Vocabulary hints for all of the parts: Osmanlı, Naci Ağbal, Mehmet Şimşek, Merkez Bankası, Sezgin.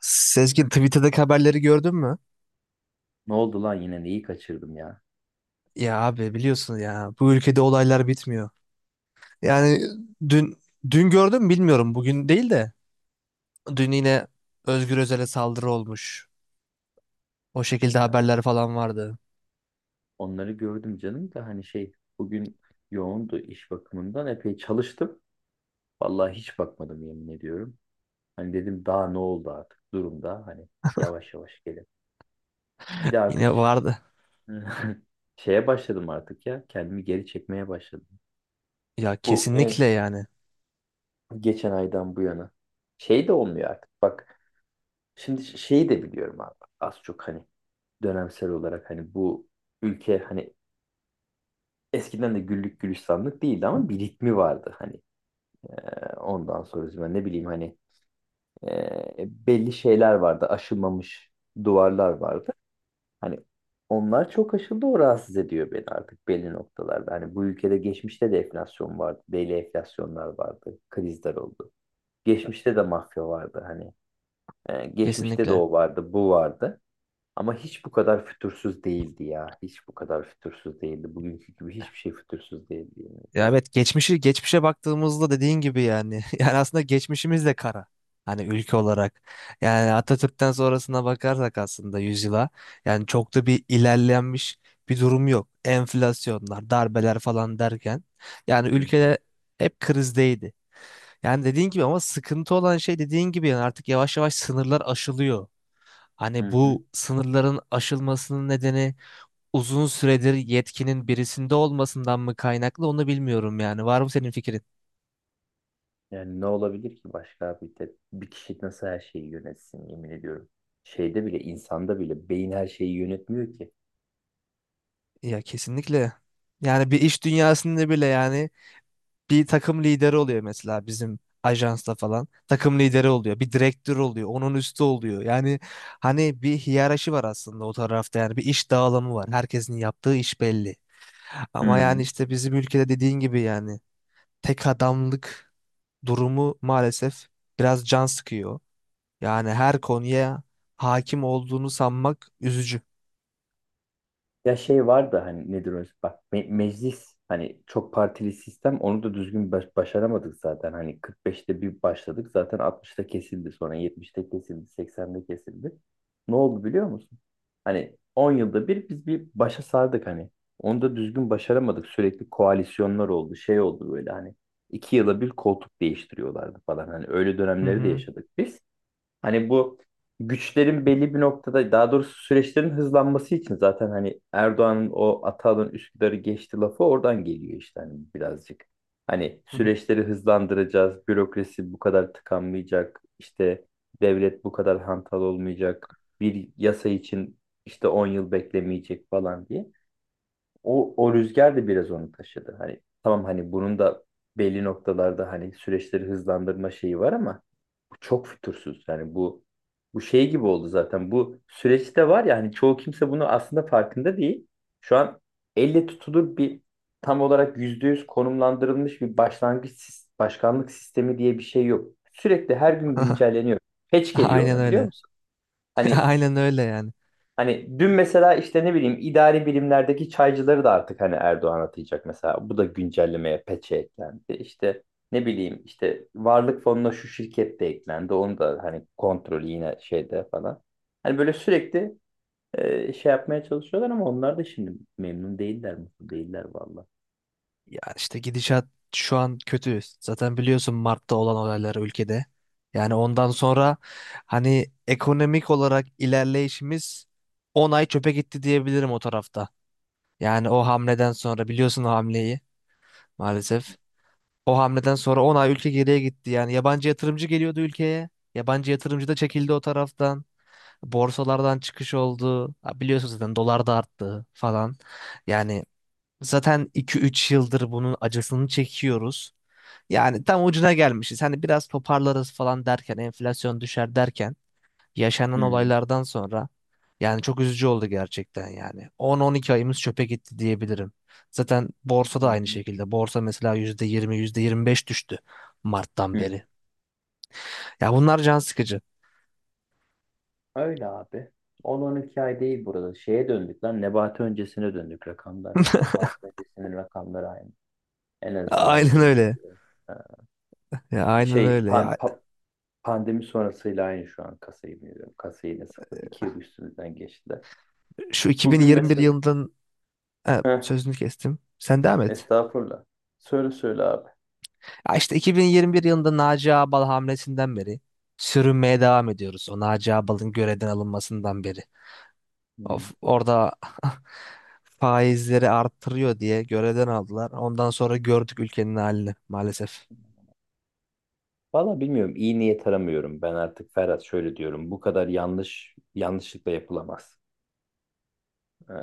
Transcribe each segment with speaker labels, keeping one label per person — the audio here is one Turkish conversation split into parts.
Speaker 1: Sezgin Twitter'daki haberleri gördün mü?
Speaker 2: Ne oldu lan yine neyi kaçırdım ya?
Speaker 1: Ya abi biliyorsun ya bu ülkede olaylar bitmiyor. Yani dün dün gördüm bilmiyorum bugün değil de dün yine Özgür Özel'e saldırı olmuş. O şekilde haberler falan vardı.
Speaker 2: Onları gördüm canım da hani şey, bugün yoğundu iş bakımından, epey çalıştım. Vallahi hiç bakmadım, yemin ediyorum. Hani dedim daha ne oldu artık durumda hani, yavaş yavaş gelin. Bir de artık
Speaker 1: Yine vardı.
Speaker 2: şeye başladım artık ya, kendimi geri çekmeye başladım.
Speaker 1: Ya
Speaker 2: Bu en
Speaker 1: kesinlikle yani
Speaker 2: geçen aydan bu yana. Şey de olmuyor artık bak, şimdi şeyi de biliyorum abi, az çok hani dönemsel olarak hani bu ülke hani eskiden de güllük gülistanlık değildi ama bir ritmi vardı hani. Ondan sonra ben ne bileyim hani, belli şeyler vardı. Aşılmamış duvarlar vardı. Hani onlar çok aşıldı, o rahatsız ediyor beni artık belli noktalarda. Hani bu ülkede geçmişte de enflasyon vardı. Belli enflasyonlar vardı. Krizler oldu. Geçmişte de mafya vardı hani. Geçmişte de
Speaker 1: kesinlikle.
Speaker 2: o vardı, bu vardı. Ama hiç bu kadar fütursuz değildi ya. Hiç bu kadar fütursuz değildi. Bugünkü gibi hiçbir şey fütursuz değildi. Yemin
Speaker 1: Ya
Speaker 2: ediyorum.
Speaker 1: evet geçmişe baktığımızda dediğin gibi yani yani aslında geçmişimiz de kara. Hani ülke olarak yani Atatürk'ten sonrasına bakarsak aslında yüzyıla yani çok da bir ilerlenmiş bir durum yok. Enflasyonlar, darbeler falan derken yani
Speaker 2: Hı.
Speaker 1: ülke hep krizdeydi. Yani dediğin gibi ama sıkıntı olan şey dediğin gibi yani artık yavaş yavaş sınırlar aşılıyor.
Speaker 2: Hı,
Speaker 1: Hani
Speaker 2: hı.
Speaker 1: bu sınırların aşılmasının nedeni uzun süredir yetkinin birisinde olmasından mı kaynaklı onu bilmiyorum yani. Var mı senin fikrin?
Speaker 2: Yani ne olabilir ki başka, bir de bir kişi nasıl her şeyi yönetsin, yemin ediyorum. Şeyde bile, insanda bile beyin her şeyi yönetmiyor ki.
Speaker 1: Ya kesinlikle. Yani bir iş dünyasında bile yani bir takım lideri oluyor mesela bizim ajansta falan. Takım lideri oluyor. Bir direktör oluyor. Onun üstü oluyor. Yani hani bir hiyerarşi var aslında o tarafta. Yani bir iş dağılımı var. Herkesin yaptığı iş belli. Ama yani
Speaker 2: Hı.
Speaker 1: işte bizim ülkede dediğin gibi yani tek adamlık durumu maalesef biraz can sıkıyor. Yani her konuya hakim olduğunu sanmak üzücü.
Speaker 2: Ya şey var da hani, nedir o? Bak, meclis hani çok partili sistem, onu da düzgün başaramadık zaten. Hani 45'te bir başladık, zaten 60'ta kesildi, sonra 70'te kesildi, 80'de kesildi. Ne oldu biliyor musun? Hani 10 yılda bir biz bir başa sardık hani. Onu da düzgün başaramadık. Sürekli koalisyonlar oldu. Şey oldu böyle hani. 2 yıla bir koltuk değiştiriyorlardı falan. Hani öyle
Speaker 1: Hı
Speaker 2: dönemleri de
Speaker 1: hı.
Speaker 2: yaşadık biz. Hani bu güçlerin belli bir noktada, daha doğrusu süreçlerin hızlanması için zaten hani Erdoğan'ın o Atalı'nın Üsküdar'ı geçti lafı oradan geliyor işte hani, birazcık. Hani süreçleri hızlandıracağız, bürokrasi bu kadar tıkanmayacak, işte devlet bu kadar hantal olmayacak, bir yasa için işte 10 yıl beklemeyecek falan diye. O, o rüzgar da biraz onu taşıdı. Hani tamam, hani bunun da belli noktalarda hani süreçleri hızlandırma şeyi var ama çok fütursuz. Yani bu, bu şey gibi oldu zaten. Bu süreçte var ya hani, çoğu kimse bunu aslında farkında değil. Şu an elle tutulur bir, tam olarak %100 konumlandırılmış bir başkanlık sistemi diye bir şey yok. Sürekli her gün güncelleniyor. Patch geliyor
Speaker 1: Aynen
Speaker 2: ona, biliyor
Speaker 1: öyle.
Speaker 2: musun? Hani
Speaker 1: Aynen öyle yani.
Speaker 2: Hani dün mesela işte ne bileyim, idari bilimlerdeki çaycıları da artık hani Erdoğan atayacak mesela. Bu da güncellemeye peçe eklendi. İşte ne bileyim işte varlık fonuna şu şirket de eklendi. Onu da hani kontrolü yine şeyde falan. Hani böyle sürekli şey yapmaya çalışıyorlar ama onlar da şimdi memnun değiller, mutlu değiller valla.
Speaker 1: Ya işte gidişat şu an kötü. Zaten biliyorsun Mart'ta olan olaylar ülkede. Yani ondan sonra hani ekonomik olarak ilerleyişimiz 10 ay çöpe gitti diyebilirim o tarafta. Yani o hamleden sonra biliyorsun o hamleyi maalesef. O hamleden sonra 10 ay ülke geriye gitti. Yani yabancı yatırımcı geliyordu ülkeye. Yabancı yatırımcı da çekildi o taraftan. Borsalardan çıkış oldu. Ha, biliyorsunuz zaten dolar da arttı falan. Yani zaten iki üç yıldır bunun acısını çekiyoruz. Yani tam ucuna gelmişiz. Hani biraz toparlarız falan derken, enflasyon düşer derken
Speaker 2: Hı
Speaker 1: yaşanan
Speaker 2: hı,
Speaker 1: olaylardan sonra yani çok üzücü oldu gerçekten yani. 10-12 ayımız çöpe gitti diyebilirim. Zaten borsa
Speaker 2: hı
Speaker 1: da aynı
Speaker 2: hı,
Speaker 1: şekilde. Borsa mesela %20, %25 düştü Mart'tan
Speaker 2: hı.
Speaker 1: beri. Ya bunlar can sıkıcı.
Speaker 2: Öyle abi. 10-12 ay değil burada. Şeye döndük lan. Nebati öncesine döndük rakamlar. Yani Nebati öncesinin rakamları aynı. En azından,
Speaker 1: Aynen
Speaker 2: yemin
Speaker 1: öyle.
Speaker 2: ediyorum. Ha.
Speaker 1: Ya aynen
Speaker 2: Şey
Speaker 1: öyle.
Speaker 2: pan-
Speaker 1: Ya
Speaker 2: pa- Pandemi sonrasıyla aynı şu an, kasa, yemin ediyorum. Kasa yine sıfır. 2 yıl üstünden geçtiler.
Speaker 1: şu
Speaker 2: Bugün
Speaker 1: 2021
Speaker 2: mesela,
Speaker 1: yılından... Ha,
Speaker 2: heh,
Speaker 1: sözünü kestim. Sen devam et.
Speaker 2: estağfurullah. Söyle söyle abi.
Speaker 1: Ya işte 2021 yılında Naci Ağbal hamlesinden beri sürünmeye devam ediyoruz. O Naci Ağbal'ın görevden alınmasından beri.
Speaker 2: Hmm.
Speaker 1: Of, orada faizleri arttırıyor diye görevden aldılar. Ondan sonra gördük ülkenin halini maalesef.
Speaker 2: Valla bilmiyorum. İyi niyet aramıyorum. Ben artık Ferhat şöyle diyorum. Bu kadar yanlış yanlışlıkla yapılamaz.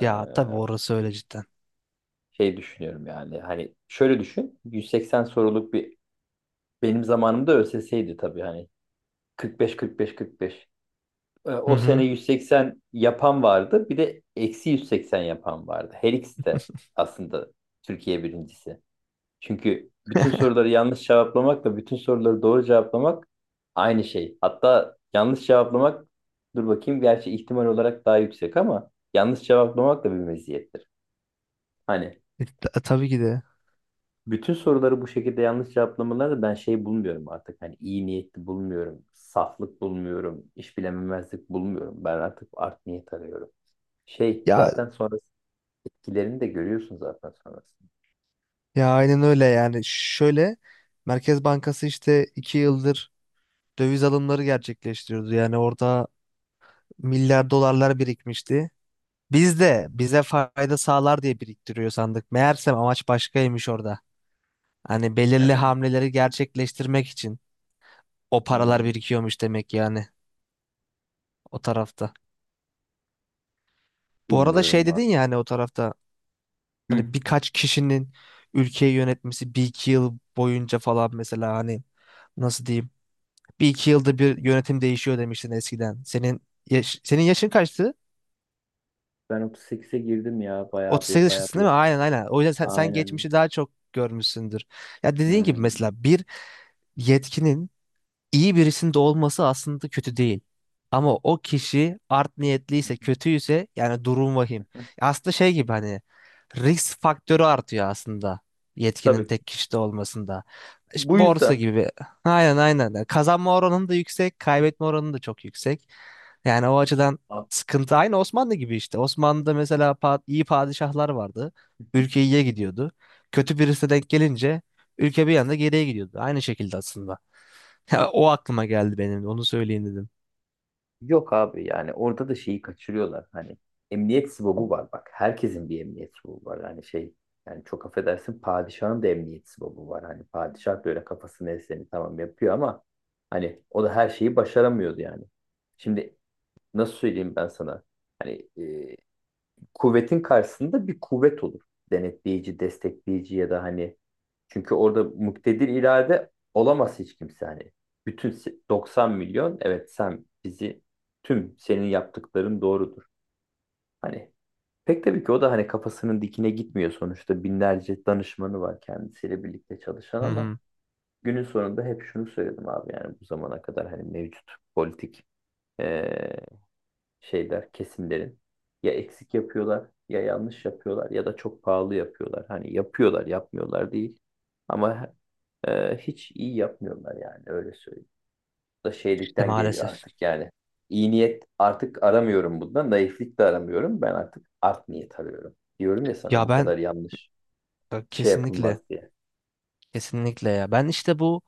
Speaker 1: Ya tabii orası öyle cidden.
Speaker 2: Şey düşünüyorum yani. Hani şöyle düşün. 180 soruluk bir, benim zamanımda ÖSS'ydi tabii hani. 45 45 45.
Speaker 1: Hı
Speaker 2: O sene
Speaker 1: hı.
Speaker 2: 180 yapan vardı. Bir de eksi 180 yapan vardı. Her ikisi de aslında Türkiye birincisi. Çünkü bütün soruları yanlış cevaplamakla bütün soruları doğru cevaplamak aynı şey. Hatta yanlış cevaplamak, dur bakayım, gerçi ihtimal olarak daha yüksek, ama yanlış cevaplamak da bir meziyettir. Hani
Speaker 1: Tabii ki de.
Speaker 2: bütün soruları bu şekilde yanlış cevaplamaları ben şey bulmuyorum artık. Hani iyi niyetli bulmuyorum, saflık bulmuyorum, iş bilememezlik bulmuyorum. Ben artık art niyet arıyorum. Şey
Speaker 1: Ya
Speaker 2: zaten sonrası, etkilerini de görüyorsun zaten sonrasında.
Speaker 1: ya aynen öyle yani. Şöyle Merkez Bankası işte iki yıldır döviz alımları gerçekleştiriyordu. Yani orada milyar dolarlar birikmişti. Biz de bize fayda sağlar diye biriktiriyor sandık. Meğersem amaç başkaymış orada. Hani belirli hamleleri gerçekleştirmek için o paralar
Speaker 2: Hmm,
Speaker 1: birikiyormuş demek yani o tarafta. Bu arada
Speaker 2: bilmiyorum
Speaker 1: şey dedin ya
Speaker 2: vallahi.
Speaker 1: hani o tarafta
Speaker 2: Hı.
Speaker 1: hani birkaç kişinin ülkeyi yönetmesi bir iki yıl boyunca falan mesela hani nasıl diyeyim bir iki yılda bir yönetim değişiyor demiştin eskiden. Senin yaşın kaçtı?
Speaker 2: Ben 38'e girdim ya, bayağı
Speaker 1: 38
Speaker 2: bir, bayağı
Speaker 1: yaşındasın değil
Speaker 2: bir.
Speaker 1: mi? Aynen aynen. O yüzden sen
Speaker 2: Aynen.
Speaker 1: geçmişi daha çok görmüşsündür. Ya dediğin gibi
Speaker 2: Hmm.
Speaker 1: mesela bir yetkinin iyi birisinde olması aslında kötü değil. Ama o kişi art niyetliyse, kötüyse yani durum vahim. Aslında şey gibi hani risk faktörü artıyor aslında yetkinin
Speaker 2: Tabii.
Speaker 1: tek kişide olmasında. İşte
Speaker 2: Bu
Speaker 1: borsa
Speaker 2: yüzden.
Speaker 1: gibi. Aynen aynen. Yani kazanma oranın da yüksek, kaybetme oranı da çok yüksek. Yani o açıdan
Speaker 2: A-
Speaker 1: sıkıntı aynı Osmanlı gibi işte. Osmanlı'da mesela iyi padişahlar vardı. Ülke iyiye gidiyordu. Kötü birisine denk gelince ülke bir anda geriye gidiyordu. Aynı şekilde aslında. Ya, o aklıma geldi benim de. Onu söyleyeyim dedim.
Speaker 2: Yok abi, yani orada da şeyi kaçırıyorlar hani, emniyet sibobu var bak, herkesin bir emniyet sibobu var hani şey, yani çok affedersin padişahın da emniyet sibobu var hani, padişah böyle kafasını eseni tamam yapıyor ama hani o da her şeyi başaramıyordu yani. Şimdi nasıl söyleyeyim ben sana? Hani, kuvvetin karşısında bir kuvvet olur. Denetleyici, destekleyici ya da hani, çünkü orada muktedir irade olamaz hiç kimse hani. 90 milyon evet, sen bizi, tüm senin yaptıkların doğrudur. Hani pek tabii ki o da hani kafasının dikine gitmiyor, sonuçta binlerce danışmanı var kendisiyle birlikte çalışan
Speaker 1: Hı
Speaker 2: ama
Speaker 1: hı.
Speaker 2: günün sonunda hep şunu söyledim abi, yani bu zamana kadar hani mevcut politik şeyler, kesimlerin ya eksik yapıyorlar, ya yanlış yapıyorlar, ya da çok pahalı yapıyorlar. Hani yapıyorlar, yapmıyorlar değil. Ama hiç iyi yapmıyorlar yani, öyle söyleyeyim. Bu da
Speaker 1: İşte
Speaker 2: şeylikten geliyor
Speaker 1: maalesef.
Speaker 2: artık yani. İyi niyet artık aramıyorum bundan. Naiflik de aramıyorum. Ben artık art niyet arıyorum. Diyorum ya sana,
Speaker 1: Ya
Speaker 2: bu
Speaker 1: ben
Speaker 2: kadar yanlış
Speaker 1: bak,
Speaker 2: şey
Speaker 1: kesinlikle
Speaker 2: yapılmaz diye.
Speaker 1: kesinlikle ya. Ben işte bu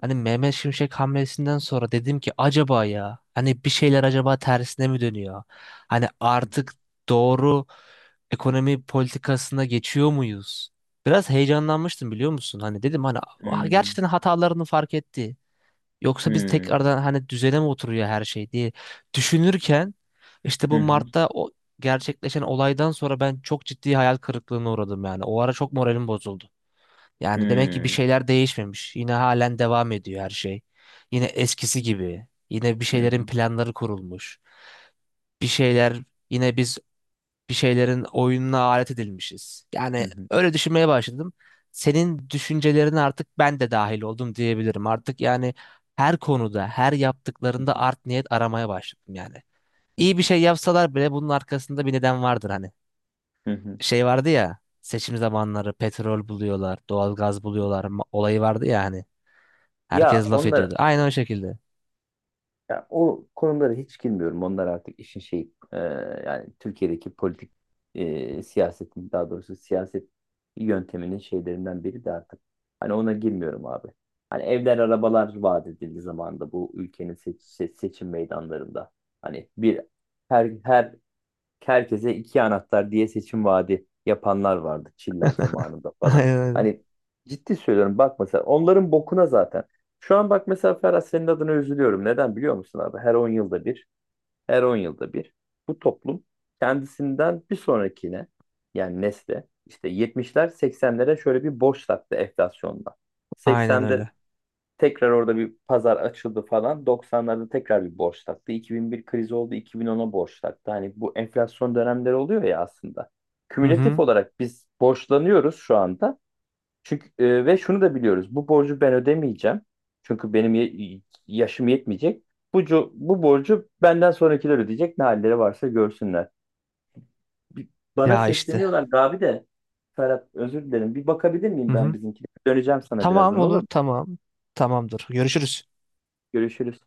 Speaker 1: hani Mehmet Şimşek hamlesinden sonra dedim ki acaba ya hani bir şeyler acaba tersine mi dönüyor? Hani artık doğru ekonomi politikasına geçiyor muyuz? Biraz heyecanlanmıştım biliyor musun? Hani dedim hani "Ah,
Speaker 2: Hmm,
Speaker 1: gerçekten hatalarını fark etti. Yoksa biz
Speaker 2: hmm,
Speaker 1: tekrardan hani düzene mi oturuyor her şey?" diye düşünürken işte
Speaker 2: hı
Speaker 1: bu
Speaker 2: hı,
Speaker 1: Mart'ta o gerçekleşen olaydan sonra ben çok ciddi hayal kırıklığına uğradım yani. O ara çok moralim bozuldu. Yani demek ki bir
Speaker 2: hmm,
Speaker 1: şeyler değişmemiş. Yine halen devam ediyor her şey. Yine eskisi gibi. Yine bir
Speaker 2: hı
Speaker 1: şeylerin
Speaker 2: hı,
Speaker 1: planları kurulmuş. Bir şeyler yine biz bir şeylerin oyununa alet edilmişiz.
Speaker 2: hı
Speaker 1: Yani
Speaker 2: hı,
Speaker 1: öyle düşünmeye başladım. Senin düşüncelerine artık ben de dahil oldum diyebilirim. Artık yani her konuda, her
Speaker 2: hı
Speaker 1: yaptıklarında
Speaker 2: hı,
Speaker 1: art niyet aramaya başladım yani. İyi bir şey yapsalar bile bunun arkasında bir neden vardır hani.
Speaker 2: hı hı.
Speaker 1: Şey vardı ya, seçim zamanları petrol buluyorlar, doğalgaz buluyorlar olayı vardı ya hani.
Speaker 2: Ya
Speaker 1: Herkes laf
Speaker 2: onlar
Speaker 1: ediyordu. Aynen o şekilde.
Speaker 2: Ya o konulara hiç girmiyorum. Onlar artık işin şey, yani Türkiye'deki politik, siyasetin daha doğrusu siyaset yönteminin şeylerinden biri de artık. Hani ona girmiyorum abi. Hani evler arabalar vaat edildiği zaman da bu ülkenin seçim meydanlarında hani bir, her her herkese iki anahtar diye seçim vaadi yapanlar vardı Çiller zamanında falan.
Speaker 1: Aynen öyle.
Speaker 2: Hani ciddi söylüyorum bak mesela, onların bokuna zaten. Şu an bak mesela Ferhat, senin adına üzülüyorum. Neden biliyor musun abi? Her 10 yılda bir, her 10 yılda bir bu toplum kendisinden bir sonrakine, yani nesle işte 70'ler 80'lere şöyle bir boş taktı enflasyonda.
Speaker 1: Aynen
Speaker 2: 80'de
Speaker 1: öyle.
Speaker 2: tekrar orada bir pazar açıldı falan. 90'larda tekrar bir borç taktı. 2001 krizi oldu, 2010'a borç taktı. Hani bu enflasyon dönemleri oluyor ya aslında.
Speaker 1: Hı
Speaker 2: Kümülatif
Speaker 1: hı.
Speaker 2: olarak biz borçlanıyoruz şu anda. Çünkü ve şunu da biliyoruz. Bu borcu ben ödemeyeceğim. Çünkü benim yaşım yetmeyecek. Bu, bu borcu benden sonrakiler ödeyecek. Ne halleri varsa görsünler. Bir- Bana
Speaker 1: Ya işte.
Speaker 2: sesleniyorlar abi de. Ferhat özür dilerim. Bir bakabilir miyim
Speaker 1: Hı
Speaker 2: ben
Speaker 1: hı.
Speaker 2: bizimkine? Döneceğim sana
Speaker 1: Tamam
Speaker 2: birazdan, olur
Speaker 1: olur
Speaker 2: mu?
Speaker 1: tamam. Tamamdır. Görüşürüz.
Speaker 2: Görüşürüz.